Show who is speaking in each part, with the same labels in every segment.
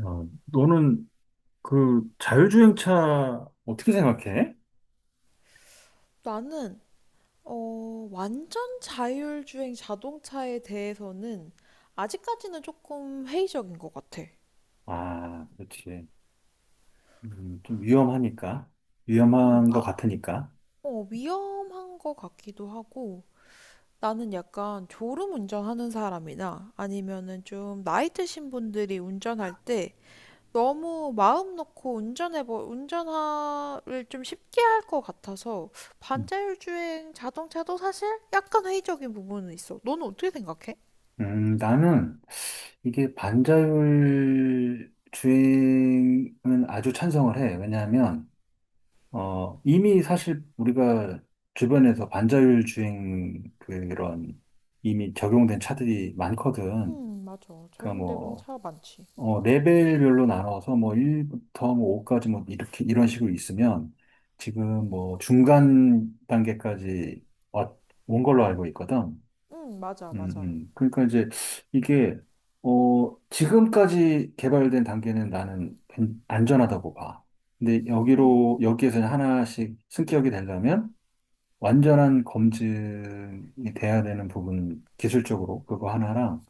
Speaker 1: 야, 너는 그 자율주행차 어떻게 생각해?
Speaker 2: 나는 완전 자율주행 자동차에 대해서는 아직까지는 조금 회의적인 것 같아.
Speaker 1: 아, 그렇지. 좀 위험하니까.
Speaker 2: 음,
Speaker 1: 위험한 것
Speaker 2: 아,
Speaker 1: 같으니까.
Speaker 2: 위험한 것 같기도 하고 나는 약간 졸음 운전하는 사람이나 아니면은 좀 나이 드신 분들이 운전할 때 너무 마음 놓고 운전을 좀 쉽게 할 것 같아서
Speaker 1: 음,
Speaker 2: 반자율주행 자동차도 사실 약간 회의적인 부분은 있어. 너는 어떻게 생각해?
Speaker 1: 나는 이게 반자율 주행은 아주 찬성을 해. 왜냐하면, 이미 사실 우리가 주변에서 반자율 주행 그런 이미 적용된 차들이 많거든.
Speaker 2: 응, 맞아.
Speaker 1: 그러니까
Speaker 2: 적용되고는
Speaker 1: 뭐,
Speaker 2: 차 많지.
Speaker 1: 레벨별로 나눠서 뭐 1부터 뭐 5까지 뭐 이렇게 이런 식으로 있으면 지금 뭐 중간 단계까지 왔- 온 걸로 알고 있거든.
Speaker 2: 응, 맞아, 맞아.
Speaker 1: 그러니까 이제 이게 지금까지 개발된 단계는 나는 안전하다고 봐. 근데 여기로 여기에서 하나씩 승격이 되려면 완전한 검증이 돼야 되는 부분 기술적으로 그거 하나랑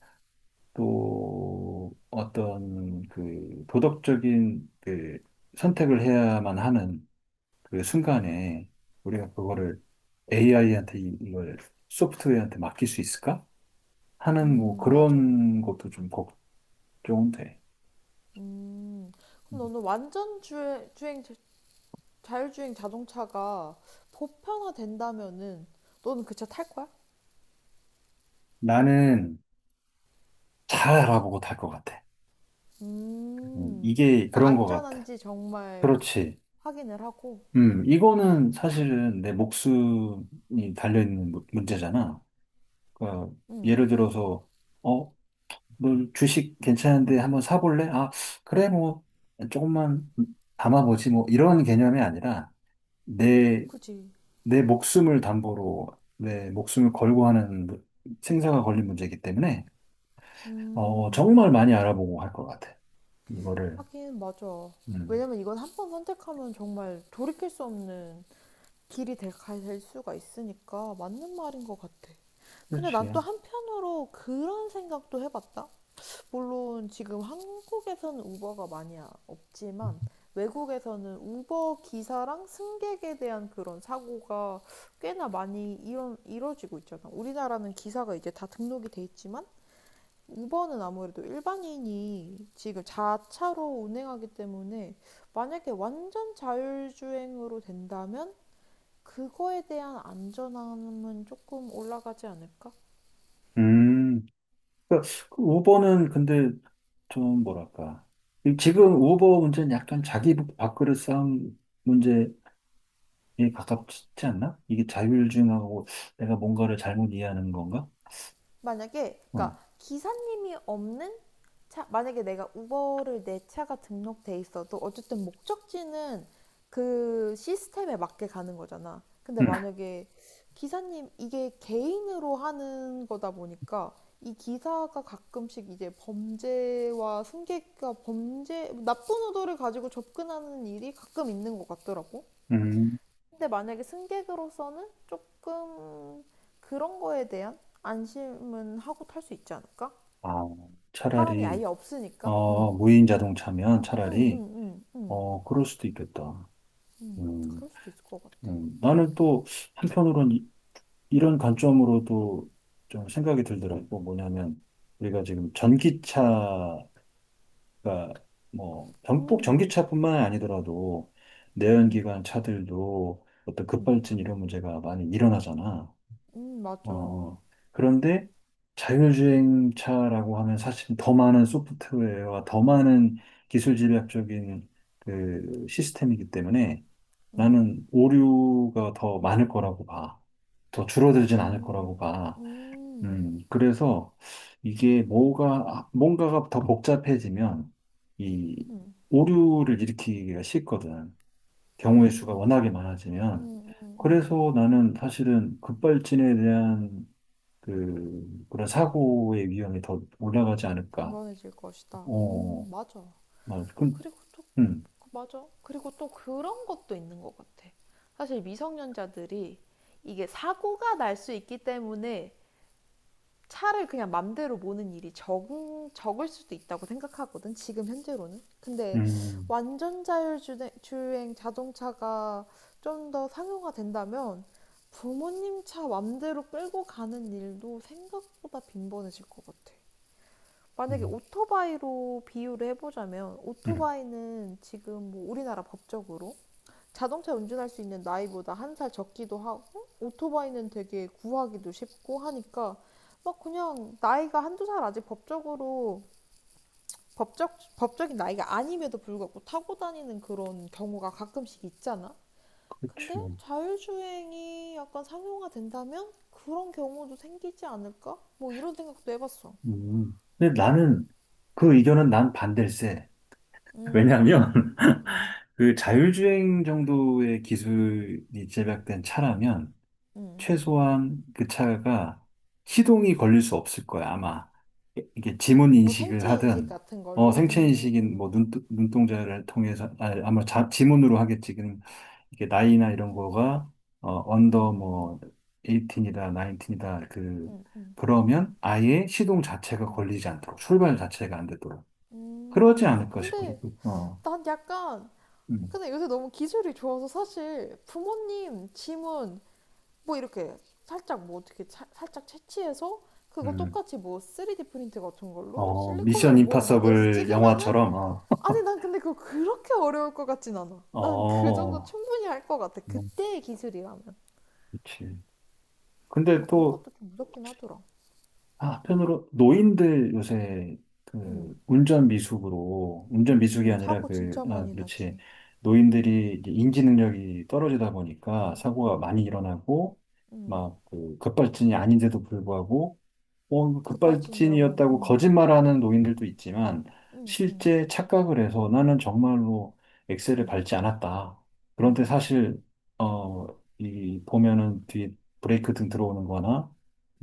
Speaker 1: 또 어떤 그 도덕적인 그 선택을 해야만 하는 그 순간에 우리가 그거를 AI한테 이걸 소프트웨어한테 맡길 수 있을까? 하는 뭐
Speaker 2: 맞아.
Speaker 1: 그런 것도 좀 걱정돼.
Speaker 2: 음, 그럼
Speaker 1: 음.
Speaker 2: 너는 완전 주행, 주행, 자- 자율주행 자동차가 보편화된다면은 너는 그 차 탈 거야?
Speaker 1: 나는 잘 알아보고 탈 것 같아.
Speaker 2: 음,
Speaker 1: 이게
Speaker 2: 일단
Speaker 1: 그런 것 같아.
Speaker 2: 안전한지 정말
Speaker 1: 그렇지.
Speaker 2: 확인을 하고,
Speaker 1: 이거는 사실은 내 목숨이 달려있는 문제잖아. 그러니까
Speaker 2: 음,
Speaker 1: 예를 들어서 어, 뭐 주식 괜찮은데 한번 사볼래? 아, 그래 뭐 조금만 담아보지 뭐 이런 개념이 아니라 내,
Speaker 2: 그지.
Speaker 1: 내 목숨을 담보로 내 목숨을 걸고 하는 생사가 걸린 문제이기 때문에
Speaker 2: 음,
Speaker 1: 정말 많이 알아보고 할 것 같아. 이거를.
Speaker 2: 하긴 맞아.
Speaker 1: 음.
Speaker 2: 왜냐면 이건 한 번 선택하면 정말 돌이킬 수 없는 갈 수가 있으니까 맞는 말인 것 같아. 근데 난
Speaker 1: 그렇지.
Speaker 2: 또 한편으로 그런 생각도 해봤다. 물론 지금 한국에서는 우버가 많이 없지만 외국에서는 우버 기사랑 승객에 대한 그런 사고가 꽤나 많이 이런 이뤄지고 있잖아. 우리나라는 기사가 이제 다 등록이 돼 있지만 우버는 아무래도 일반인이 지금 자차로 운행하기 때문에 만약에 완전 자율주행으로 된다면 그거에 대한 안전함은 조금 올라가지 않을까?
Speaker 1: 음. 그러니까 그 우버는 근데 좀 뭐랄까. 지금 우버 문제는 약간 자기 밥그릇 싸움 문제 이게 가깝지 않나? 이게 자율주행하고 내가 뭔가를 잘못 이해하는 건가?
Speaker 2: 만약에 그러니까
Speaker 1: 어.
Speaker 2: 기사님이 없는 차 만약에 내가 우버를 내 차가 등록돼 있어도 어쨌든 목적지는 그 시스템에 맞게 가는 거잖아. 근데
Speaker 1: 음.
Speaker 2: 만약에 기사님 이게 개인으로 하는 거다 보니까 이 기사가 가끔씩 이제 범죄와 승객과 범죄 나쁜 의도를 가지고 접근하는 일이 가끔 있는 것 같더라고.
Speaker 1: 음.
Speaker 2: 근데 만약에 승객으로서는 조금 그런 거에 대한 안심은 하고 탈 수 있지 않을까?
Speaker 1: 아,
Speaker 2: 사람이 아예
Speaker 1: 차라리
Speaker 2: 없으니까.
Speaker 1: 무인 자동차면
Speaker 2: 음, 음,
Speaker 1: 차라리
Speaker 2: 음, 음,
Speaker 1: 그럴 수도 있겠다. 음.
Speaker 2: 그럴 수도 있을 것 같아.
Speaker 1: 음. 나는 또 한편으로는 이런 관점으로도 좀 생각이 들더라고. 뭐냐면 우리가 지금 전기차가 뭐 꼭
Speaker 2: 음,
Speaker 1: 전기차뿐만 아니더라도
Speaker 2: 음,
Speaker 1: 내연기관 차들도 어떤
Speaker 2: 음,
Speaker 1: 급발진 이런 문제가 많이 일어나잖아.
Speaker 2: 맞아.
Speaker 1: 어, 어. 그런데 자율주행차라고 하면 사실 더 많은 소프트웨어와 더 많은 기술 집약적인 그 시스템이기 때문에
Speaker 2: 음,
Speaker 1: 나는 오류가 더 많을 거라고 봐. 더 줄어들진 않을 거라고
Speaker 2: 음,
Speaker 1: 봐.
Speaker 2: 음,
Speaker 1: 그래서 뭔가가 더 복잡해지면 이
Speaker 2: 음,
Speaker 1: 오류를 일으키기가 쉽거든. 경우의 수가
Speaker 2: 음,
Speaker 1: 워낙에 많아지면.
Speaker 2: 음, 음.
Speaker 1: 그래서 나는 사실은 급발진에 대한 그런 사고의 위험이 더 올라가지 않을까.
Speaker 2: 빈번해질 것이다.
Speaker 1: 어,
Speaker 2: 맞아.
Speaker 1: 맞아. 그,
Speaker 2: 그리고 또
Speaker 1: 음,
Speaker 2: 맞아. 그리고 또 그런 것도 있는 것 같아. 사실 미성년자들이 이게 사고가 날 수 있기 때문에 차를 그냥 맘대로 모는 적을 수도 있다고 생각하거든. 지금 현재로는. 근데
Speaker 1: 음,
Speaker 2: 완전 자율주행 자동차가 좀 더 상용화된다면 부모님 차 맘대로 끌고 가는 일도 생각보다 빈번해질 것 같아. 만약에
Speaker 1: 음,
Speaker 2: 오토바이로 비유를 해보자면
Speaker 1: 음.
Speaker 2: 오토바이는 지금 뭐 우리나라 법적으로 자동차 운전할 수 있는 나이보다 한 살 적기도 하고 오토바이는 되게 구하기도 쉽고 하니까 막 그냥 나이가 한두 살 아직 법적으로 법적인 나이가 아님에도 불구하고 타고 다니는 그런 경우가 가끔씩 있잖아. 근데
Speaker 1: 그치.
Speaker 2: 자율주행이 약간 상용화 된다면 그런 경우도 생기지 않을까? 뭐 이런 생각도 해봤어.
Speaker 1: 음. 근데 나는 그 의견은 난 반댈세. 왜냐면,
Speaker 2: 음, 음,
Speaker 1: 그 자율주행 정도의 기술이 제작된 차라면,
Speaker 2: 음.
Speaker 1: 최소한 그 차가 시동이 걸릴 수 없을 거야, 아마. 이게 지문
Speaker 2: 뭐
Speaker 1: 인식을
Speaker 2: 생체 인식
Speaker 1: 하든,
Speaker 2: 같은 걸로.
Speaker 1: 생체 인식인 뭐 눈동자를 통해서, 아, 아마 지문으로 하겠지. 지금 이게 나이나 이런
Speaker 2: 음,
Speaker 1: 거가,
Speaker 2: 음,
Speaker 1: 언더
Speaker 2: 음,
Speaker 1: 뭐, 18이다, 19이다,
Speaker 2: 음, 음.
Speaker 1: 그러면 아예 시동 자체가 걸리지 않도록, 출발 자체가 안 되도록. 그러지 않을까 싶어.
Speaker 2: 근데
Speaker 1: 어,
Speaker 2: 난 약간,
Speaker 1: 음,
Speaker 2: 근데 요새 너무 기술이 좋아서 사실 부모님 지문 뭐 이렇게 살짝 채취해서 그거
Speaker 1: 음.
Speaker 2: 똑같이 뭐 3D 프린트 같은 걸로
Speaker 1: 어, 미션
Speaker 2: 실리콘으로 모양 만들어서
Speaker 1: 임파서블
Speaker 2: 찍으면은
Speaker 1: 영화처럼,
Speaker 2: 아니 난 근데 그거 그렇게 어려울 것 같진 않아. 난 그 정도
Speaker 1: 어,
Speaker 2: 충분히 할 것 같아.
Speaker 1: 음,
Speaker 2: 그때의 기술이라면.
Speaker 1: 그치. 근데
Speaker 2: 그래서 그런
Speaker 1: 또
Speaker 2: 것도 좀 무섭긴 하더라.
Speaker 1: 아, 한편으로 노인들 요새 그
Speaker 2: 음,
Speaker 1: 운전 미숙으로 운전 미숙이 아니라
Speaker 2: 사고
Speaker 1: 그
Speaker 2: 진짜
Speaker 1: 아,
Speaker 2: 많이
Speaker 1: 그렇지
Speaker 2: 나지.
Speaker 1: 노인들이 이제 인지 능력이 떨어지다 보니까
Speaker 2: 음,
Speaker 1: 사고가
Speaker 2: 음,
Speaker 1: 많이 일어나고
Speaker 2: 음.
Speaker 1: 막 그 급발진이 아닌데도 불구하고
Speaker 2: 급발진이라고.
Speaker 1: 급발진이었다고 거짓말하는 노인들도 있지만
Speaker 2: 음, 음,
Speaker 1: 실제 착각을 해서 나는 정말로 엑셀을
Speaker 2: 음.
Speaker 1: 밟지 않았다. 그런데
Speaker 2: 음,
Speaker 1: 사실 어, 이 보면은 뒤에 브레이크 등 들어오는 거나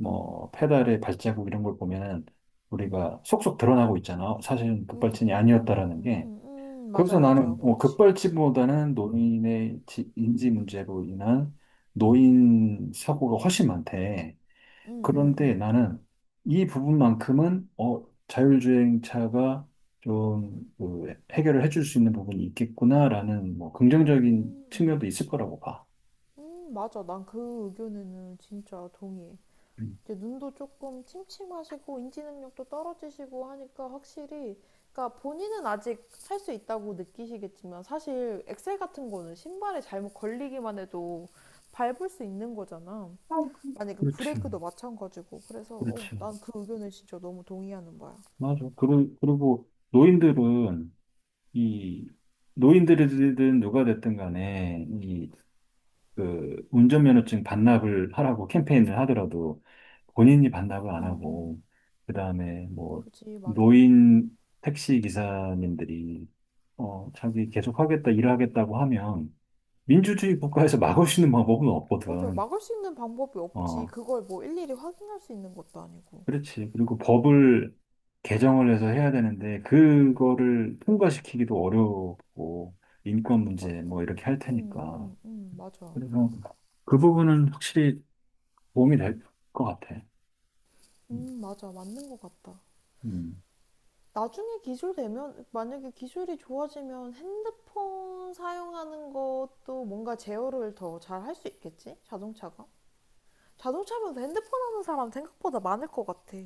Speaker 2: 음,
Speaker 1: 페달의 발자국 이런 걸 보면은
Speaker 2: 음,
Speaker 1: 우리가 속속 드러나고 있잖아. 사실은
Speaker 2: 음,
Speaker 1: 급발진이
Speaker 2: 음, 음,
Speaker 1: 아니었다라는
Speaker 2: 음,
Speaker 1: 게.
Speaker 2: 음, 맞아,
Speaker 1: 그래서 나는
Speaker 2: 맞아,
Speaker 1: 뭐
Speaker 2: 그렇지.
Speaker 1: 급발진보다는 노인의 인지 문제로 인한 노인 사고가 훨씬 많대.
Speaker 2: 음, 음,
Speaker 1: 그런데
Speaker 2: 음,
Speaker 1: 나는 이 부분만큼은 자율주행차가 좀그 해결을 해줄 수 있는 부분이 있겠구나라는 뭐 긍정적인 측면도
Speaker 2: 음,
Speaker 1: 있을 거라고 봐.
Speaker 2: 맞아. 난 그 의견에는 진짜 동의해.
Speaker 1: 음.
Speaker 2: 이제 눈도 조금 침침하시고 인지 능력도 떨어지시고 하니까 확실히, 그러니까 본인은 아직 할 수 있다고 느끼시겠지만 사실 엑셀 같은 거는 신발에 잘못 걸리기만 해도 밟을 수 있는 거잖아.
Speaker 1: 어, 그-
Speaker 2: 만약에
Speaker 1: 그렇지,
Speaker 2: 브레이크도 마찬가지고. 그래서,
Speaker 1: 그렇지.
Speaker 2: 난 그 의견에 진짜 너무 동의하는 거야.
Speaker 1: 맞아. 그리고 노인들은 이 노인들이든 누가 됐든 간에 이 그 운전면허증 반납을 하라고 캠페인을 하더라도 본인이 반납을 안
Speaker 2: 응, 응.
Speaker 1: 하고 그다음에 뭐
Speaker 2: 그지, 맞아.
Speaker 1: 노인 택시 기사님들이 자기 계속 하겠다 일하겠다고 하면 민주주의 국가에서 막을 수 있는 방법은
Speaker 2: 맞아.
Speaker 1: 없거든.
Speaker 2: 막을 수 있는 방법이 없지.
Speaker 1: 어
Speaker 2: 그걸 뭐 일일이 확인할 수 있는 것도 아니고.
Speaker 1: 그렇지. 그리고 법을 개정을 해서 해야 되는데 그거를 통과시키기도 어렵고 인권
Speaker 2: 맞아.
Speaker 1: 문제 뭐 이렇게 할
Speaker 2: 응,
Speaker 1: 테니까.
Speaker 2: 응, 응, 맞아.
Speaker 1: 그래서 그 부분은 확실히 도움이 될 것 같아. 음,
Speaker 2: 맞아. 맞는 것 같다.
Speaker 1: 음.
Speaker 2: 나중에 기술되면, 만약에 기술이 좋아지면 핸드폰 사용하는 것도 뭔가 제어를 더 잘 할 수 있겠지? 자동차가? 자동차면 핸드폰 하는 사람 생각보다 많을 것 같아.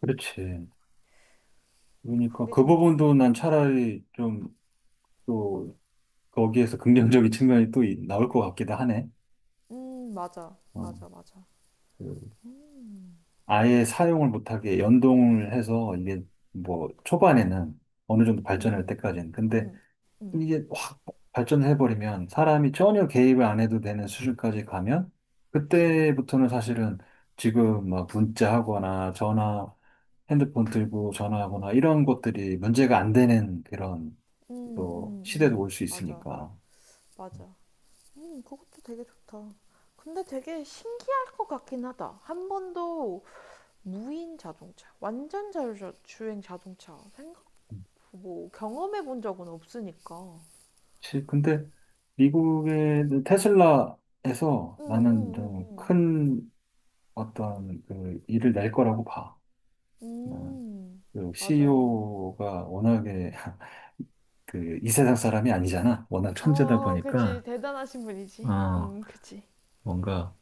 Speaker 1: 그렇지. 그러니까
Speaker 2: 그게
Speaker 1: 그
Speaker 2: 진짜.
Speaker 1: 부분도 난 차라리 좀 또 거기에서 긍정적인 측면이 또 나올 것 같기도 하네.
Speaker 2: 맞아.
Speaker 1: 어,
Speaker 2: 맞아, 맞아.
Speaker 1: 그 아예 사용을 못하게 연동을 해서 이게 뭐 초반에는 어느 정도
Speaker 2: 음,
Speaker 1: 발전할
Speaker 2: 음,
Speaker 1: 때까지는. 근데
Speaker 2: 음, 음,
Speaker 1: 이게 확 발전해버리면 사람이 전혀 개입을 안 해도 되는 수준까지 가면 그때부터는 사실은 지금 막 문자하거나 전화 핸드폰 들고 전화하거나 이런 것들이 문제가 안 되는 그런 또 시대도 올 수
Speaker 2: 맞아.
Speaker 1: 있으니까.
Speaker 2: 맞아. 그것도 되게 좋다. 근데 되게 신기할 것 같긴 하다. 한 번도 무인 자동차, 완전 자율주행 자동차 생각 뭐 경험해 본 적은 없으니까.
Speaker 1: 근데 미국의 테슬라에서
Speaker 2: 응,
Speaker 1: 나는
Speaker 2: 응, 응,
Speaker 1: 좀
Speaker 2: 응.
Speaker 1: 큰 어떤 그 일을 낼 거라고 봐. 어,
Speaker 2: 음,
Speaker 1: 그
Speaker 2: 맞아.
Speaker 1: CEO가 워낙에 그 이 세상 사람이 아니잖아. 워낙 천재다
Speaker 2: 어, 그치.
Speaker 1: 보니까
Speaker 2: 대단하신 분이지.
Speaker 1: 어,
Speaker 2: 그치.
Speaker 1: 뭔가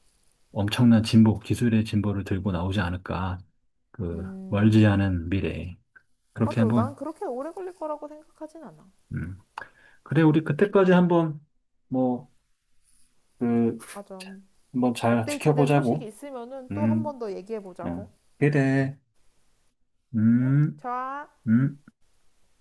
Speaker 1: 엄청난 진보, 기술의 진보를 들고 나오지 않을까. 그 멀지
Speaker 2: 음,
Speaker 1: 않은 미래에. 그렇게
Speaker 2: 맞아.
Speaker 1: 한번
Speaker 2: 난 그렇게 오래 걸릴 거라고 생각하진 않아.
Speaker 1: 음, 그래, 우리 그때까지 한번, 뭐, 그,
Speaker 2: 맞아.
Speaker 1: 한번 잘
Speaker 2: 업데이트된 소식이
Speaker 1: 지켜보자고.
Speaker 2: 있으면은 또 한
Speaker 1: 음,
Speaker 2: 번 더 얘기해
Speaker 1: 어.
Speaker 2: 보자고.
Speaker 1: 그래.
Speaker 2: 응?
Speaker 1: 음,
Speaker 2: 좋아.
Speaker 1: 음.